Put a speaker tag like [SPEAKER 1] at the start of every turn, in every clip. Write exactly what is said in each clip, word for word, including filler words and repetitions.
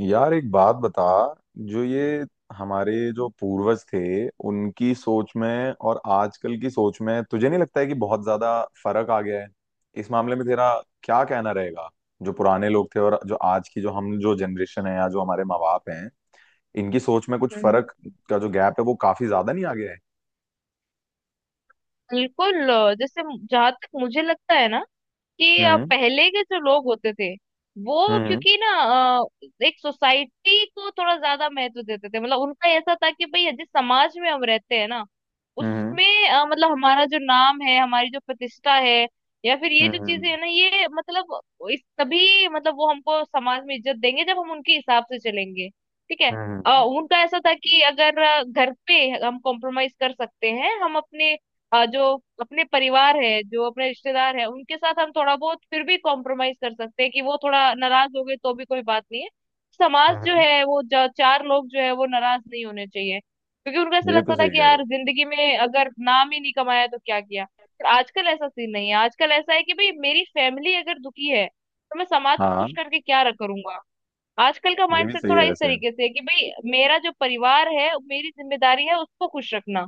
[SPEAKER 1] यार, एक बात बता। जो ये हमारे जो पूर्वज थे, उनकी सोच में और आजकल की सोच में तुझे नहीं लगता है कि बहुत ज्यादा फर्क आ गया है? इस मामले में तेरा क्या कहना रहेगा? जो पुराने लोग थे और जो आज की जो हम जो जनरेशन है या जो हमारे माँ बाप हैं, इनकी सोच में कुछ
[SPEAKER 2] हम्म।
[SPEAKER 1] फर्क का जो गैप है, वो काफी ज्यादा नहीं आ गया है?
[SPEAKER 2] बिल्कुल। अ, जैसे, जहां तक मुझे लगता है ना कि अ,
[SPEAKER 1] हम्म।
[SPEAKER 2] पहले के जो लोग होते थे, वो
[SPEAKER 1] हम्म।
[SPEAKER 2] क्योंकि ना अ, एक सोसाइटी को थोड़ा ज्यादा महत्व देते थे। मतलब उनका ऐसा था कि भाई, जिस समाज में हम रहते हैं ना,
[SPEAKER 1] हम्म।
[SPEAKER 2] उसमें अ, मतलब हमारा जो नाम है, हमारी जो प्रतिष्ठा है, या फिर ये जो चीजें
[SPEAKER 1] हम्म।
[SPEAKER 2] है ना, ये मतलब इस तभी मतलब वो हमको समाज में इज्जत देंगे जब हम उनके हिसाब से चलेंगे। ठीक है। अ,
[SPEAKER 1] हम्म।
[SPEAKER 2] उनका ऐसा था कि अगर अ, घर पे हम कॉम्प्रोमाइज कर सकते हैं, हम अपने अ, जो अपने परिवार है, जो अपने रिश्तेदार है, उनके साथ हम थोड़ा बहुत फिर भी कॉम्प्रोमाइज कर सकते हैं कि वो थोड़ा नाराज हो गए तो भी कोई बात नहीं है। समाज जो
[SPEAKER 1] हम्म।
[SPEAKER 2] है वो ज- चार लोग जो है वो नाराज नहीं होने चाहिए, क्योंकि उनको ऐसा
[SPEAKER 1] ये तो
[SPEAKER 2] लगता था
[SPEAKER 1] सही
[SPEAKER 2] कि
[SPEAKER 1] कह रहे
[SPEAKER 2] यार,
[SPEAKER 1] हो।
[SPEAKER 2] जिंदगी में अगर नाम ही नहीं कमाया तो क्या किया। पर आजकल ऐसा सीन नहीं है। आजकल ऐसा है कि भाई, मेरी फैमिली अगर दुखी है तो मैं समाज को खुश
[SPEAKER 1] हाँ।
[SPEAKER 2] करके क्या करूंगा। आजकल का
[SPEAKER 1] ये भी
[SPEAKER 2] माइंडसेट
[SPEAKER 1] सही
[SPEAKER 2] थोड़ा
[SPEAKER 1] है
[SPEAKER 2] इस
[SPEAKER 1] वैसे।
[SPEAKER 2] तरीके से है कि भाई, मेरा जो परिवार है मेरी जिम्मेदारी है उसको खुश रखना।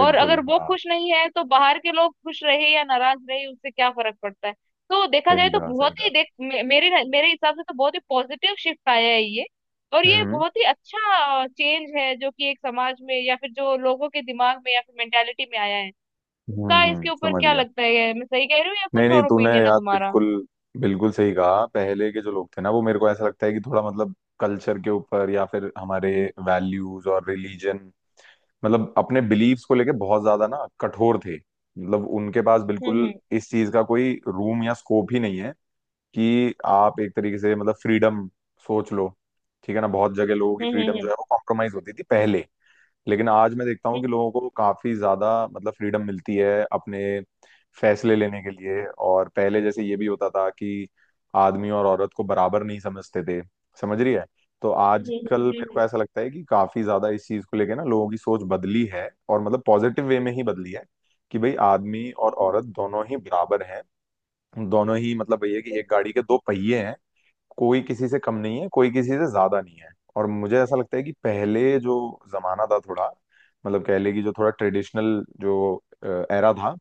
[SPEAKER 2] और अगर वो
[SPEAKER 1] हाँ।
[SPEAKER 2] खुश नहीं है तो बाहर के लोग खुश रहे या नाराज रहे उससे क्या फर्क पड़ता है। तो देखा जाए
[SPEAKER 1] सही
[SPEAKER 2] तो
[SPEAKER 1] कहा, सही
[SPEAKER 2] बहुत ही देख मेरे मेरे हिसाब से तो बहुत ही पॉजिटिव शिफ्ट आया ही है। और ये
[SPEAKER 1] कहा।
[SPEAKER 2] बहुत ही अच्छा चेंज है जो कि एक समाज में या फिर जो लोगों के दिमाग में या फिर मेंटैलिटी में आया है
[SPEAKER 1] हम्म,
[SPEAKER 2] उसका।
[SPEAKER 1] हम्म, समझ गया। नहीं नहीं, तूने यार बिल्कुल बिल्कुल सही कहा। पहले के जो लोग थे ना, वो मेरे को ऐसा लगता है कि थोड़ा मतलब कल्चर के ऊपर या फिर हमारे वैल्यूज और रिलीजन मतलब अपने बिलीव्स को लेके बहुत ज्यादा ना कठोर थे। मतलब उनके पास बिल्कुल इस चीज का कोई रूम या स्कोप ही नहीं है कि आप एक तरीके से मतलब फ्रीडम सोच लो। ठीक है ना, बहुत जगह लोगों की फ्रीडम जो है वो कॉम्प्रोमाइज होती थी पहले। लेकिन आज मैं देखता हूँ कि लोगों को काफी ज्यादा मतलब फ्रीडम मिलती है अपने फैसले लेने के लिए। और पहले जैसे ये भी होता था कि आदमी और औरत को बराबर नहीं समझते थे, समझ रही है? तो आजकल मेरे को ऐसा लगता है कि काफी ज्यादा इस चीज को लेके ना लोगों की सोच बदली है, और मतलब पॉजिटिव वे में ही बदली है, कि भाई आदमी और औरत दोनों ही बराबर हैं। दोनों ही मतलब ये है कि एक गाड़ी के दो पहिए हैं, कोई किसी से कम नहीं है, कोई किसी से ज्यादा नहीं है। और मुझे ऐसा लगता है कि पहले जो जमाना था, थोड़ा मतलब कह ले कि जो थोड़ा ट्रेडिशनल जो एरा था,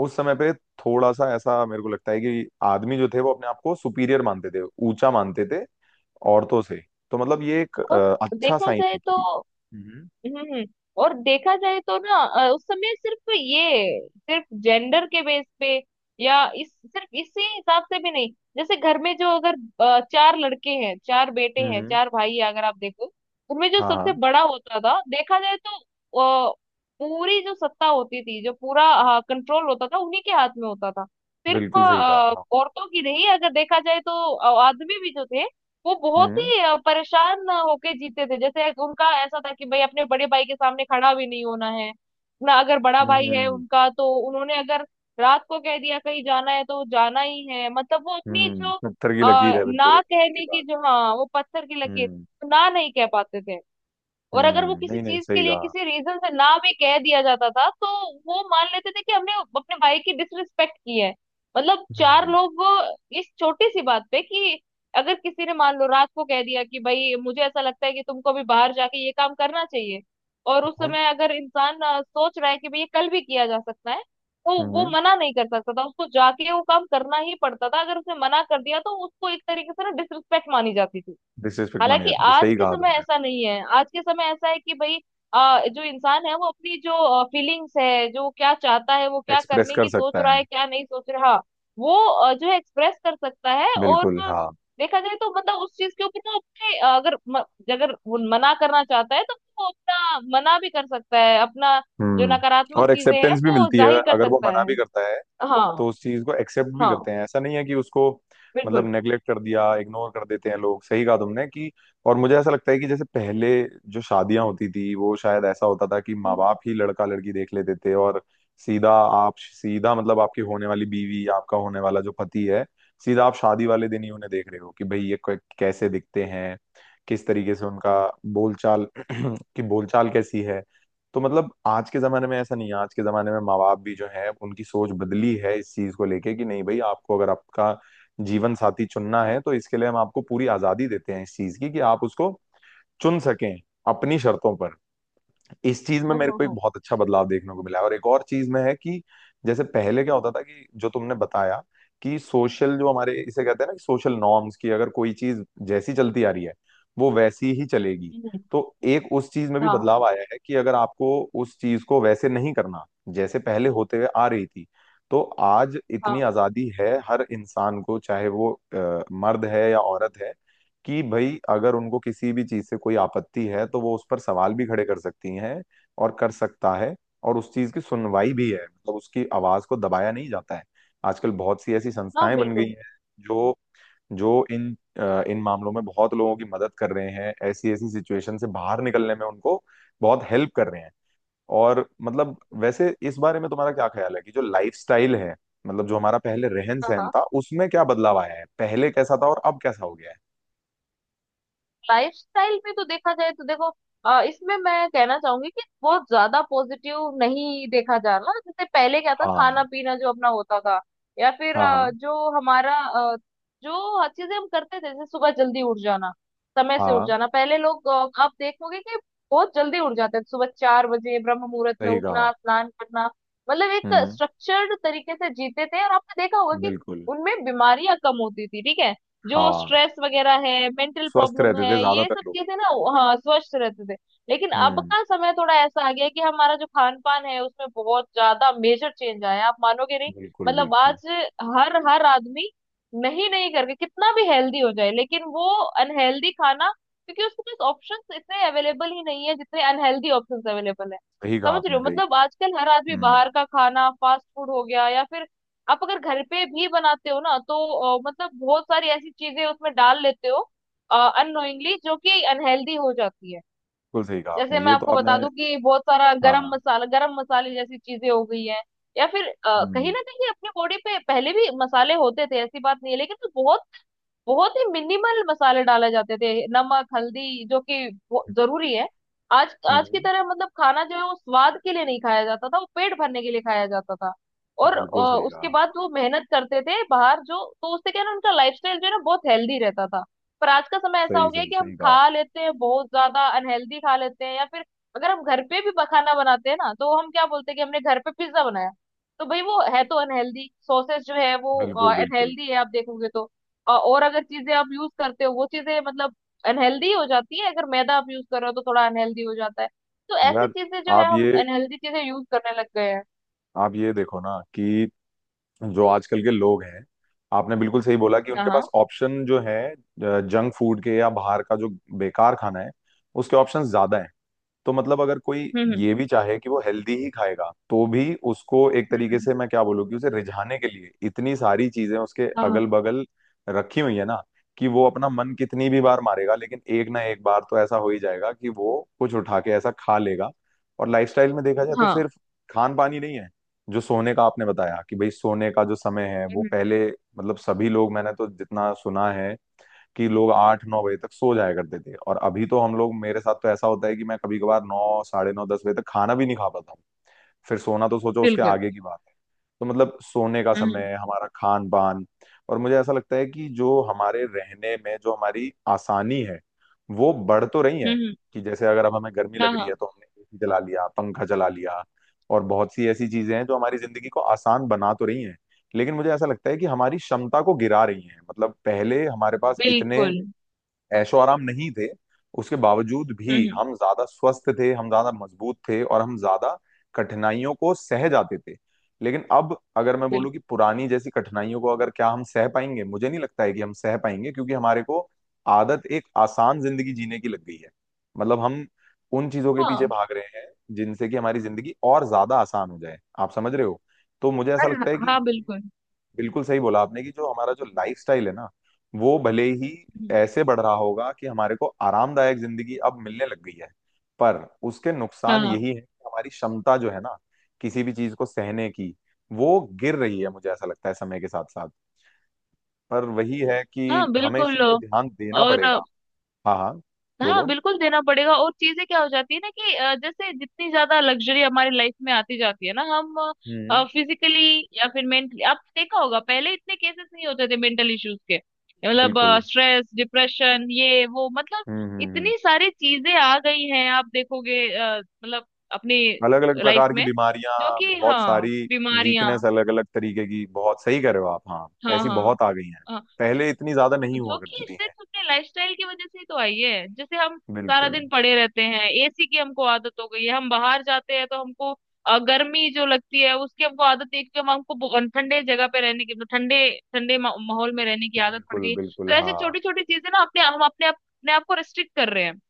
[SPEAKER 1] उस समय पे थोड़ा सा ऐसा मेरे को लगता है कि आदमी जो थे वो अपने आप को सुपीरियर मानते थे, ऊंचा मानते थे औरतों से। तो मतलब ये एक अ, अच्छा साइन है, कि हम्म।
[SPEAKER 2] इ हम्म। और देखा जाए तो ना अ, उस समय सिर्फ ये सिर्फ जेंडर के बेस पे या इस सिर्फ इसी हिसाब से भी नहीं। जैसे घर में जो अगर अ, चार लड़के हैं, चार बेटे
[SPEAKER 1] हम्म।
[SPEAKER 2] हैं,
[SPEAKER 1] हम्म,
[SPEAKER 2] चार भाई हैं, अगर आप देखो, उनमें जो
[SPEAKER 1] हाँ
[SPEAKER 2] सबसे
[SPEAKER 1] हाँ।
[SPEAKER 2] बड़ा होता था देखा जाए तो अ, पूरी जो सत्ता होती थी, जो पूरा कंट्रोल होता था उन्हीं के हाथ में होता था। सिर्फ
[SPEAKER 1] बिल्कुल सही कहा
[SPEAKER 2] अ,
[SPEAKER 1] हाँ।
[SPEAKER 2] औरतों की नहीं, अगर देखा जाए तो अ, आदमी भी जो थे वो बहुत
[SPEAKER 1] हम्म।
[SPEAKER 2] ही अ, परेशान होके जीते थे। जैसे उनका ऐसा था कि भाई, अपने बड़े भाई के सामने खड़ा भी नहीं होना है। ना, अगर बड़ा भाई है
[SPEAKER 1] हम्म।
[SPEAKER 2] उनका तो उन्होंने अगर रात को कह दिया कहीं जाना है तो जाना ही है। मतलब वो अपनी
[SPEAKER 1] हम्म,
[SPEAKER 2] जो
[SPEAKER 1] पत्थर की लकीर
[SPEAKER 2] अ,
[SPEAKER 1] है बिल्कुल
[SPEAKER 2] ना
[SPEAKER 1] एक की
[SPEAKER 2] कहने की,
[SPEAKER 1] बात।
[SPEAKER 2] जो हाँ, वो पत्थर की लकीर,
[SPEAKER 1] हम्म।
[SPEAKER 2] ना नहीं कह पाते थे। और अगर वो
[SPEAKER 1] हम्म,
[SPEAKER 2] किसी
[SPEAKER 1] नहीं नहीं
[SPEAKER 2] चीज के
[SPEAKER 1] सही
[SPEAKER 2] लिए
[SPEAKER 1] कहा।
[SPEAKER 2] किसी रीजन से ना भी कह दिया जाता था तो वो मान लेते थे कि हमने अपने भाई की डिसरिस्पेक्ट की है। मतलब चार
[SPEAKER 1] हम्म।
[SPEAKER 2] लोग इस छोटी सी बात पे कि अगर किसी ने मान लो रात को कह दिया कि भाई, मुझे ऐसा लगता है कि तुमको अभी बाहर जाके ये काम करना चाहिए, और उस समय अगर इंसान अ, सोच रहा है कि भाई ये कल भी किया जा सकता है, तो वो
[SPEAKER 1] हम्म,
[SPEAKER 2] मना नहीं कर सकता था। उसको जाके वो काम करना ही पड़ता था। अगर उसने मना कर दिया तो उसको एक तरीके से ना डिसरिस्पेक्ट मानी जाती थी।
[SPEAKER 1] डिसरिस्पेक्ट मानी
[SPEAKER 2] हालांकि
[SPEAKER 1] जाती थी,
[SPEAKER 2] आज
[SPEAKER 1] सही
[SPEAKER 2] के
[SPEAKER 1] कहा
[SPEAKER 2] समय
[SPEAKER 1] तुमने।
[SPEAKER 2] ऐसा नहीं है। आज के समय ऐसा है कि भाई आ, जो इंसान है वो अपनी जो फीलिंग्स है, जो क्या चाहता है, वो क्या
[SPEAKER 1] एक्सप्रेस
[SPEAKER 2] करने
[SPEAKER 1] कर
[SPEAKER 2] की सोच
[SPEAKER 1] सकता
[SPEAKER 2] रहा
[SPEAKER 1] है।
[SPEAKER 2] है, क्या नहीं सोच रहा, वो अ, जो है एक्सप्रेस कर सकता है। और
[SPEAKER 1] बिल्कुल
[SPEAKER 2] अ,
[SPEAKER 1] हाँ।
[SPEAKER 2] देखा जाए तो मतलब उस चीज के ऊपर ना अपने अ, अगर म, अगर वो मना करना चाहता है तो वो अपना मना भी कर सकता है। अपना जो
[SPEAKER 1] हम्म।
[SPEAKER 2] नकारात्मक
[SPEAKER 1] और
[SPEAKER 2] चीजें हैं
[SPEAKER 1] एक्सेप्टेंस भी
[SPEAKER 2] वो
[SPEAKER 1] मिलती है
[SPEAKER 2] जाहिर कर
[SPEAKER 1] अगर वो
[SPEAKER 2] सकता
[SPEAKER 1] मना
[SPEAKER 2] है।
[SPEAKER 1] भी करता है।
[SPEAKER 2] हाँ
[SPEAKER 1] तो उस चीज को एक्सेप्ट भी
[SPEAKER 2] हाँ।
[SPEAKER 1] करते हैं, ऐसा नहीं है कि उसको मतलब
[SPEAKER 2] बिल्कुल।
[SPEAKER 1] नेग्लेक्ट कर दिया। इग्नोर कर देते हैं लोग। सही कहा तुमने, कि और मुझे ऐसा लगता है कि जैसे पहले जो शादियां होती थी, वो शायद ऐसा होता था कि माँ
[SPEAKER 2] हम्म,
[SPEAKER 1] बाप ही लड़का लड़की देख लेते थे, और सीधा आप सीधा मतलब आपकी होने वाली बीवी आपका होने वाला जो पति है, सीधा आप शादी वाले दिन ही उन्हें देख रहे हो, कि भाई ये कै- कैसे दिखते हैं, किस तरीके से उनका बोलचाल की बोलचाल कैसी है। तो मतलब आज के जमाने में ऐसा नहीं है। आज के जमाने में माँ बाप भी जो है उनकी सोच बदली है इस चीज को लेके, कि नहीं भाई, आपको अगर आपका जीवन साथी चुनना है तो इसके लिए हम आपको पूरी आजादी देते हैं इस चीज की, कि आप उसको चुन सकें अपनी शर्तों पर। इस चीज में
[SPEAKER 2] हम्म,
[SPEAKER 1] मेरे को एक
[SPEAKER 2] हम्म,
[SPEAKER 1] बहुत अच्छा बदलाव देखने को मिला है। और एक और चीज में है, कि जैसे पहले क्या होता था कि जो तुमने बताया, कि सोशल जो हमारे इसे कहते हैं ना, कि सोशल नॉर्म्स की अगर कोई चीज जैसी चलती आ रही है, वो वैसी ही चलेगी।
[SPEAKER 2] हम्म, हम्म,
[SPEAKER 1] तो एक उस चीज में भी
[SPEAKER 2] हाँ
[SPEAKER 1] बदलाव आया है, कि अगर आपको उस चीज को वैसे नहीं करना जैसे पहले होते हुए आ रही थी, तो आज इतनी
[SPEAKER 2] हाँ
[SPEAKER 1] आजादी है हर इंसान को, चाहे वो अ, मर्द है या औरत है, कि भाई अगर उनको किसी भी चीज से कोई आपत्ति है तो वो उस पर सवाल भी खड़े कर सकती हैं, और कर सकता है। और उस चीज की सुनवाई भी है, मतलब उसकी आवाज को दबाया नहीं जाता है। आजकल बहुत सी ऐसी
[SPEAKER 2] हाँ।
[SPEAKER 1] संस्थाएं बन गई
[SPEAKER 2] बिल्कुल।
[SPEAKER 1] हैं जो जो इन अ, इन मामलों में बहुत लोगों की मदद कर रहे हैं, ऐसी ऐसी सिचुएशन से बाहर निकलने में उनको बहुत हेल्प कर रहे हैं। और मतलब वैसे इस बारे में तुम्हारा क्या ख्याल है, कि जो लाइफस्टाइल है, मतलब जो हमारा पहले रहन
[SPEAKER 2] हाँ
[SPEAKER 1] सहन
[SPEAKER 2] हाँ।
[SPEAKER 1] था, उसमें क्या बदलाव आया है? पहले कैसा था और अब कैसा हो गया है?
[SPEAKER 2] लाइफस्टाइल में तो देखा जाए तो देखो, अ, इसमें मैं कहना चाहूंगी कि बहुत ज्यादा पॉजिटिव नहीं देखा जा रहा। जैसे पहले क्या था,
[SPEAKER 1] हाँ
[SPEAKER 2] खाना पीना जो अपना होता था या फिर
[SPEAKER 1] हाँ।
[SPEAKER 2] अ,
[SPEAKER 1] हाँ।
[SPEAKER 2] जो हमारा अ, जो हर चीजें हम करते थे, जैसे सुबह जल्दी उठ जाना, समय से उठ
[SPEAKER 1] हाँ
[SPEAKER 2] जाना, पहले लोग अ, आप देखोगे कि बहुत जल्दी उठ जाते थे। सुबह चार बजे ब्रह्म मुहूर्त में
[SPEAKER 1] सही कहा।
[SPEAKER 2] उठना, स्नान करना, मतलब एक
[SPEAKER 1] हम्म,
[SPEAKER 2] स्ट्रक्चर्ड तरीके से जीते थे। और आपने देखा होगा कि
[SPEAKER 1] बिल्कुल।
[SPEAKER 2] उनमें बीमारियां कम होती थी। ठीक है। जो
[SPEAKER 1] हाँ,
[SPEAKER 2] स्ट्रेस वगैरह है, मेंटल
[SPEAKER 1] स्वस्थ
[SPEAKER 2] प्रॉब्लम
[SPEAKER 1] रहते
[SPEAKER 2] है,
[SPEAKER 1] थे
[SPEAKER 2] ये सब
[SPEAKER 1] ज्यादातर लोग।
[SPEAKER 2] चीजें ना। हाँ, स्वस्थ रहते थे। लेकिन अब
[SPEAKER 1] हम्म,
[SPEAKER 2] का समय थोड़ा ऐसा आ गया कि हमारा जो खान पान है उसमें बहुत ज्यादा मेजर चेंज आया है। आप मानोगे नहीं।
[SPEAKER 1] बिल्कुल
[SPEAKER 2] मतलब
[SPEAKER 1] बिल्कुल।
[SPEAKER 2] आज हर हर आदमी नहीं नहीं करके कितना भी हेल्दी हो जाए लेकिन वो अनहेल्दी खाना, क्योंकि उसके पास ऑप्शंस इतने अवेलेबल ही नहीं है जितने अनहेल्दी ऑप्शंस अवेलेबल है।
[SPEAKER 1] सही कहा
[SPEAKER 2] समझ रहे
[SPEAKER 1] आपने,
[SPEAKER 2] हो।
[SPEAKER 1] सही
[SPEAKER 2] मतलब
[SPEAKER 1] कहा।
[SPEAKER 2] आजकल हर आदमी
[SPEAKER 1] हम्म,
[SPEAKER 2] बाहर का खाना फास्ट फूड हो गया या फिर आप अगर घर पे भी बनाते हो ना, तो अ, मतलब बहुत सारी ऐसी चीजें उसमें डाल लेते हो अननोइंगली जो कि अनहेल्दी हो जाती है।
[SPEAKER 1] बिल्कुल। सही कहा आपने,
[SPEAKER 2] जैसे मैं
[SPEAKER 1] ये तो
[SPEAKER 2] आपको बता
[SPEAKER 1] आपने।
[SPEAKER 2] दूं कि बहुत सारा गरम
[SPEAKER 1] हाँ।
[SPEAKER 2] मसाला, गरम मसाले जैसी चीजें हो गई है या फिर अ, कहीं
[SPEAKER 1] हम्म।
[SPEAKER 2] ना कहीं अपनी बॉडी पे, पहले भी मसाले होते थे, ऐसी बात नहीं है, लेकिन वो बहुत ही मिनिमल मसाले डाले जाते थे। नमक, हल्दी, जो कि वो- जरूरी है। आज आज की
[SPEAKER 1] हम्म,
[SPEAKER 2] तरह मतलब खाना जो है वो स्वाद के लिए नहीं खाया जाता था, वो पेट भरने के लिए खाया जाता था। और अ,
[SPEAKER 1] बिल्कुल सही
[SPEAKER 2] उसके
[SPEAKER 1] कहा।
[SPEAKER 2] बाद वो मेहनत करते थे बाहर जो, तो उससे क्या है ना, उनका लाइफस्टाइल जो है ना बहुत हेल्दी रहता था। पर आज का समय ऐसा
[SPEAKER 1] सही
[SPEAKER 2] हो गया है
[SPEAKER 1] सही,
[SPEAKER 2] कि हम
[SPEAKER 1] सही कहा।
[SPEAKER 2] खा लेते हैं, बहुत ज्यादा अनहेल्दी खा लेते हैं या फिर अगर हम घर पे भी ब- खाना बनाते हैं ना तो हम क्या बोलते हैं कि हमने घर पे पिज्जा बनाया। तो भाई वो है तो अनहेल्दी। सॉसेज जो है वो
[SPEAKER 1] बिल्कुल बिल्कुल।
[SPEAKER 2] अनहेल्दी है आप देखोगे तो। अ- और अगर चीजें आप यूज करते हो वो चीजें मतलब अनहेल्दी हो जाती है। अगर मैदा आप यूज कर रहे हो तो थोड़ा अनहेल्दी हो जाता है। तो ऐसी
[SPEAKER 1] यार,
[SPEAKER 2] चीजें जो है
[SPEAKER 1] आप
[SPEAKER 2] हम
[SPEAKER 1] ये
[SPEAKER 2] अनहेल्दी चीजें यूज करने लग गए हैं।
[SPEAKER 1] आप ये देखो ना कि जो आजकल के लोग हैं, आपने बिल्कुल सही बोला कि
[SPEAKER 2] हाँ
[SPEAKER 1] उनके
[SPEAKER 2] हाँ।
[SPEAKER 1] पास ऑप्शन जो है जंक फूड के या बाहर का जो बेकार खाना है, उसके ऑप्शन ज्यादा हैं। तो मतलब अगर कोई
[SPEAKER 2] हम्म,
[SPEAKER 1] ये भी चाहे कि वो हेल्दी ही खाएगा, तो भी उसको एक
[SPEAKER 2] हम्म,
[SPEAKER 1] तरीके
[SPEAKER 2] हम्म,
[SPEAKER 1] से मैं क्या बोलूँ, कि उसे रिझाने के लिए इतनी सारी चीजें उसके अगल
[SPEAKER 2] हाँ
[SPEAKER 1] बगल रखी हुई है ना, कि वो अपना मन कितनी भी बार मारेगा, लेकिन एक ना एक बार तो ऐसा हो ही जाएगा कि वो कुछ उठा के ऐसा खा लेगा। और लाइफस्टाइल में देखा जाए तो
[SPEAKER 2] हाँ।
[SPEAKER 1] सिर्फ खान पान ही नहीं है, जो सोने का आपने बताया कि भाई सोने का जो समय है, वो
[SPEAKER 2] हम्म।
[SPEAKER 1] पहले मतलब सभी लोग, मैंने तो जितना सुना है कि लोग आठ नौ बजे तक सो जाया करते थे। और अभी तो हम लोग, मेरे साथ तो ऐसा होता है कि मैं कभी कभार नौ साढ़े नौ दस बजे तक खाना भी नहीं खा पाता हूँ, फिर सोना तो सोचो उसके
[SPEAKER 2] बिल्कुल।
[SPEAKER 1] आगे की बात है। तो मतलब सोने का
[SPEAKER 2] हम्म,
[SPEAKER 1] समय, हमारा खान पान, और मुझे ऐसा लगता है कि जो हमारे रहने में जो हमारी आसानी है, वो बढ़ तो रही है,
[SPEAKER 2] हम्म।
[SPEAKER 1] कि जैसे अगर अब हमें गर्मी
[SPEAKER 2] हाँ
[SPEAKER 1] लग रही
[SPEAKER 2] हाँ।
[SPEAKER 1] है तो हमने एसी चला लिया, पंखा चला लिया। और बहुत सी ऐसी चीजें हैं जो हमारी जिंदगी को आसान बना तो रही हैं, लेकिन मुझे ऐसा लगता है कि हमारी क्षमता को गिरा रही हैं। मतलब पहले हमारे पास इतने
[SPEAKER 2] बिल्कुल।
[SPEAKER 1] ऐशो आराम नहीं थे, उसके बावजूद भी
[SPEAKER 2] हम्म।
[SPEAKER 1] हम ज्यादा स्वस्थ थे, हम ज्यादा मजबूत थे और हम ज्यादा कठिनाइयों को सह जाते थे। लेकिन अब अगर मैं बोलूँ
[SPEAKER 2] बिल्कुल।
[SPEAKER 1] कि पुरानी जैसी कठिनाइयों को अगर क्या हम सह पाएंगे, मुझे नहीं लगता है कि हम सह पाएंगे, क्योंकि हमारे को आदत एक आसान जिंदगी जीने की लग गई है। मतलब हम उन चीजों के पीछे
[SPEAKER 2] हाँ।
[SPEAKER 1] भाग रहे हैं जिनसे कि हमारी जिंदगी और ज्यादा आसान हो जाए, आप समझ रहे हो? तो मुझे ऐसा
[SPEAKER 2] और
[SPEAKER 1] लगता है कि
[SPEAKER 2] हाँ, बिल्कुल।
[SPEAKER 1] बिल्कुल सही बोला आपने, कि जो हमारा जो लाइफस्टाइल है ना, वो भले ही
[SPEAKER 2] हम्म,
[SPEAKER 1] ऐसे बढ़ रहा होगा कि हमारे को आरामदायक जिंदगी अब मिलने लग गई है, पर उसके
[SPEAKER 2] हाँ
[SPEAKER 1] नुकसान
[SPEAKER 2] हाँ
[SPEAKER 1] यही है कि हमारी क्षमता जो है ना किसी भी चीज को सहने की, वो गिर रही है मुझे ऐसा लगता है, समय के साथ साथ। पर वही है
[SPEAKER 2] हाँ,
[SPEAKER 1] कि हमें इस
[SPEAKER 2] बिल्कुल।
[SPEAKER 1] चीज पे ध्यान देना
[SPEAKER 2] और
[SPEAKER 1] पड़ेगा। हाँ हाँ।
[SPEAKER 2] हाँ
[SPEAKER 1] बोलो।
[SPEAKER 2] बिल्कुल, देना पड़ेगा। और चीजें क्या हो जाती है ना कि अ, जैसे जितनी ज्यादा लग्जरी हमारी लाइफ में आती जाती है ना, हम
[SPEAKER 1] हम्म,
[SPEAKER 2] फिजिकली या फिर मेंटली, आपने देखा होगा पहले इतने केसेस नहीं होते थे मेंटल इश्यूज के। मतलब
[SPEAKER 1] बिल्कुल।
[SPEAKER 2] स्ट्रेस, डिप्रेशन, ये वो, मतलब
[SPEAKER 1] हम्म हम्म हम्म।
[SPEAKER 2] इतनी सारी चीजें आ गई हैं। आप देखोगे अ, मतलब अपनी
[SPEAKER 1] अलग अलग
[SPEAKER 2] लाइफ
[SPEAKER 1] प्रकार की
[SPEAKER 2] में,
[SPEAKER 1] बीमारियां,
[SPEAKER 2] जो कि
[SPEAKER 1] बहुत
[SPEAKER 2] हाँ,
[SPEAKER 1] सारी
[SPEAKER 2] बीमारियां,
[SPEAKER 1] वीकनेस अलग अलग तरीके की, बहुत सही कर रहे हो आप, हाँ।
[SPEAKER 2] हाँ
[SPEAKER 1] ऐसी
[SPEAKER 2] हाँ
[SPEAKER 1] बहुत आ गई हैं,
[SPEAKER 2] हाँ।
[SPEAKER 1] पहले इतनी ज्यादा नहीं हुआ
[SPEAKER 2] जो
[SPEAKER 1] करती
[SPEAKER 2] कि
[SPEAKER 1] थी
[SPEAKER 2] सिर्फ
[SPEAKER 1] हैं।
[SPEAKER 2] अपने लाइफस्टाइल की वजह से ही तो आई है। जैसे हम सारा
[SPEAKER 1] बिल्कुल
[SPEAKER 2] दिन पड़े रहते हैं, एसी की हमको आदत हो गई है, हम बाहर जाते हैं तो हमको अ, गर्मी जो लगती है उसकी हमको आदत नहीं, क्योंकि हम हमको बहु- ठंडे जगह पे रहने की मतलब ठंडे ठंडे मा- माहौल में रहने की आदत पड़
[SPEAKER 1] बिल्कुल।
[SPEAKER 2] गई है। तो
[SPEAKER 1] बिल्कुल
[SPEAKER 2] ऐसी
[SPEAKER 1] हाँ।
[SPEAKER 2] छोटी छोटी चीजें ना, अपने हम अपने आप- अपने आप को रिस्ट्रिक्ट कर रहे हैं।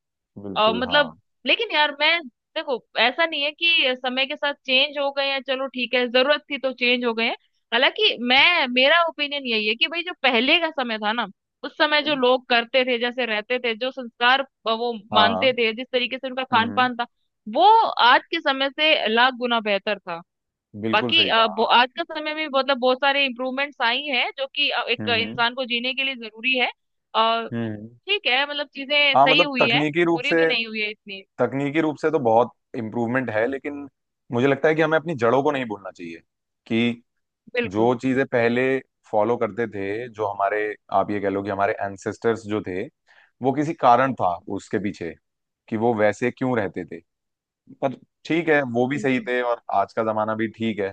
[SPEAKER 2] अ,
[SPEAKER 1] बिल्कुल हाँ।
[SPEAKER 2] मतलब, लेकिन यार मैं देखो ऐसा नहीं है कि समय के साथ चेंज हो गए हैं, चलो ठीक है, जरूरत थी तो चेंज हो गए हैं। हालांकि मैं मेरा ओपिनियन यही है कि भाई, जो पहले का समय था ना, उस समय जो
[SPEAKER 1] हम्म,
[SPEAKER 2] लोग करते थे, जैसे रहते थे, जो संस्कार अ, वो मानते
[SPEAKER 1] हाँ।
[SPEAKER 2] थे, जिस तरीके से उनका
[SPEAKER 1] हम्म।
[SPEAKER 2] खान
[SPEAKER 1] हम्म,
[SPEAKER 2] पान था, वो आज के समय से लाख गुना बेहतर था।
[SPEAKER 1] बिल्कुल
[SPEAKER 2] बाकी
[SPEAKER 1] सही
[SPEAKER 2] अ,
[SPEAKER 1] कहा
[SPEAKER 2] वो-
[SPEAKER 1] हाँ।
[SPEAKER 2] आज का समय में मतलब बहुत सारे इम्प्रूवमेंट्स आई हैं जो कि अ, एक
[SPEAKER 1] हम्म हम्म
[SPEAKER 2] इंसान को जीने के लिए जरूरी है। अ,
[SPEAKER 1] हम्म, हम्म।
[SPEAKER 2] ठीक है, मतलब चीजें
[SPEAKER 1] हाँ
[SPEAKER 2] सही
[SPEAKER 1] मतलब
[SPEAKER 2] हुई है,
[SPEAKER 1] तकनीकी रूप
[SPEAKER 2] बुरी भी
[SPEAKER 1] से,
[SPEAKER 2] नहीं हुई है इतनी।
[SPEAKER 1] तकनीकी रूप से तो बहुत इम्प्रूवमेंट है, लेकिन मुझे लगता है कि हमें अपनी जड़ों को नहीं भूलना चाहिए, कि
[SPEAKER 2] बिल्कुल
[SPEAKER 1] जो चीजें पहले फॉलो करते थे, जो हमारे, आप ये कह लो कि हमारे एंसेस्टर्स जो थे, वो किसी कारण था उसके पीछे कि वो वैसे क्यों रहते थे। पर ठीक है, वो भी सही
[SPEAKER 2] बिल्कुल
[SPEAKER 1] थे और आज का जमाना भी ठीक है।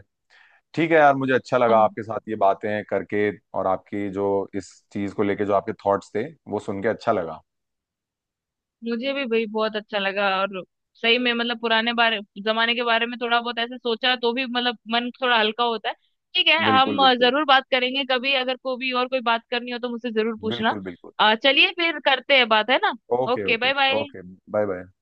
[SPEAKER 1] ठीक है यार, मुझे अच्छा लगा
[SPEAKER 2] हाँ।
[SPEAKER 1] आपके साथ ये बातें करके, और आपकी जो इस चीज को लेके जो आपके थॉट्स थे, वो सुन के अच्छा लगा।
[SPEAKER 2] मुझे भी भाई बहुत अच्छा लगा। और सही में मतलब पुराने बारे जमाने के बारे में थोड़ा बहुत ऐसे सोचा तो भी मतलब मन थोड़ा हल्का होता है। ठीक है,
[SPEAKER 1] बिल्कुल
[SPEAKER 2] हम अ,
[SPEAKER 1] बिल्कुल।
[SPEAKER 2] जरूर बात करेंगे, कभी अगर को भी और कोई बात करनी हो तो मुझसे जरूर पूछना।
[SPEAKER 1] बिल्कुल बिल्कुल।
[SPEAKER 2] अ, चलिए, फिर करते हैं बात, है ना।
[SPEAKER 1] Okay
[SPEAKER 2] okay,
[SPEAKER 1] okay.
[SPEAKER 2] Bye bye.
[SPEAKER 1] Okay, bye bye.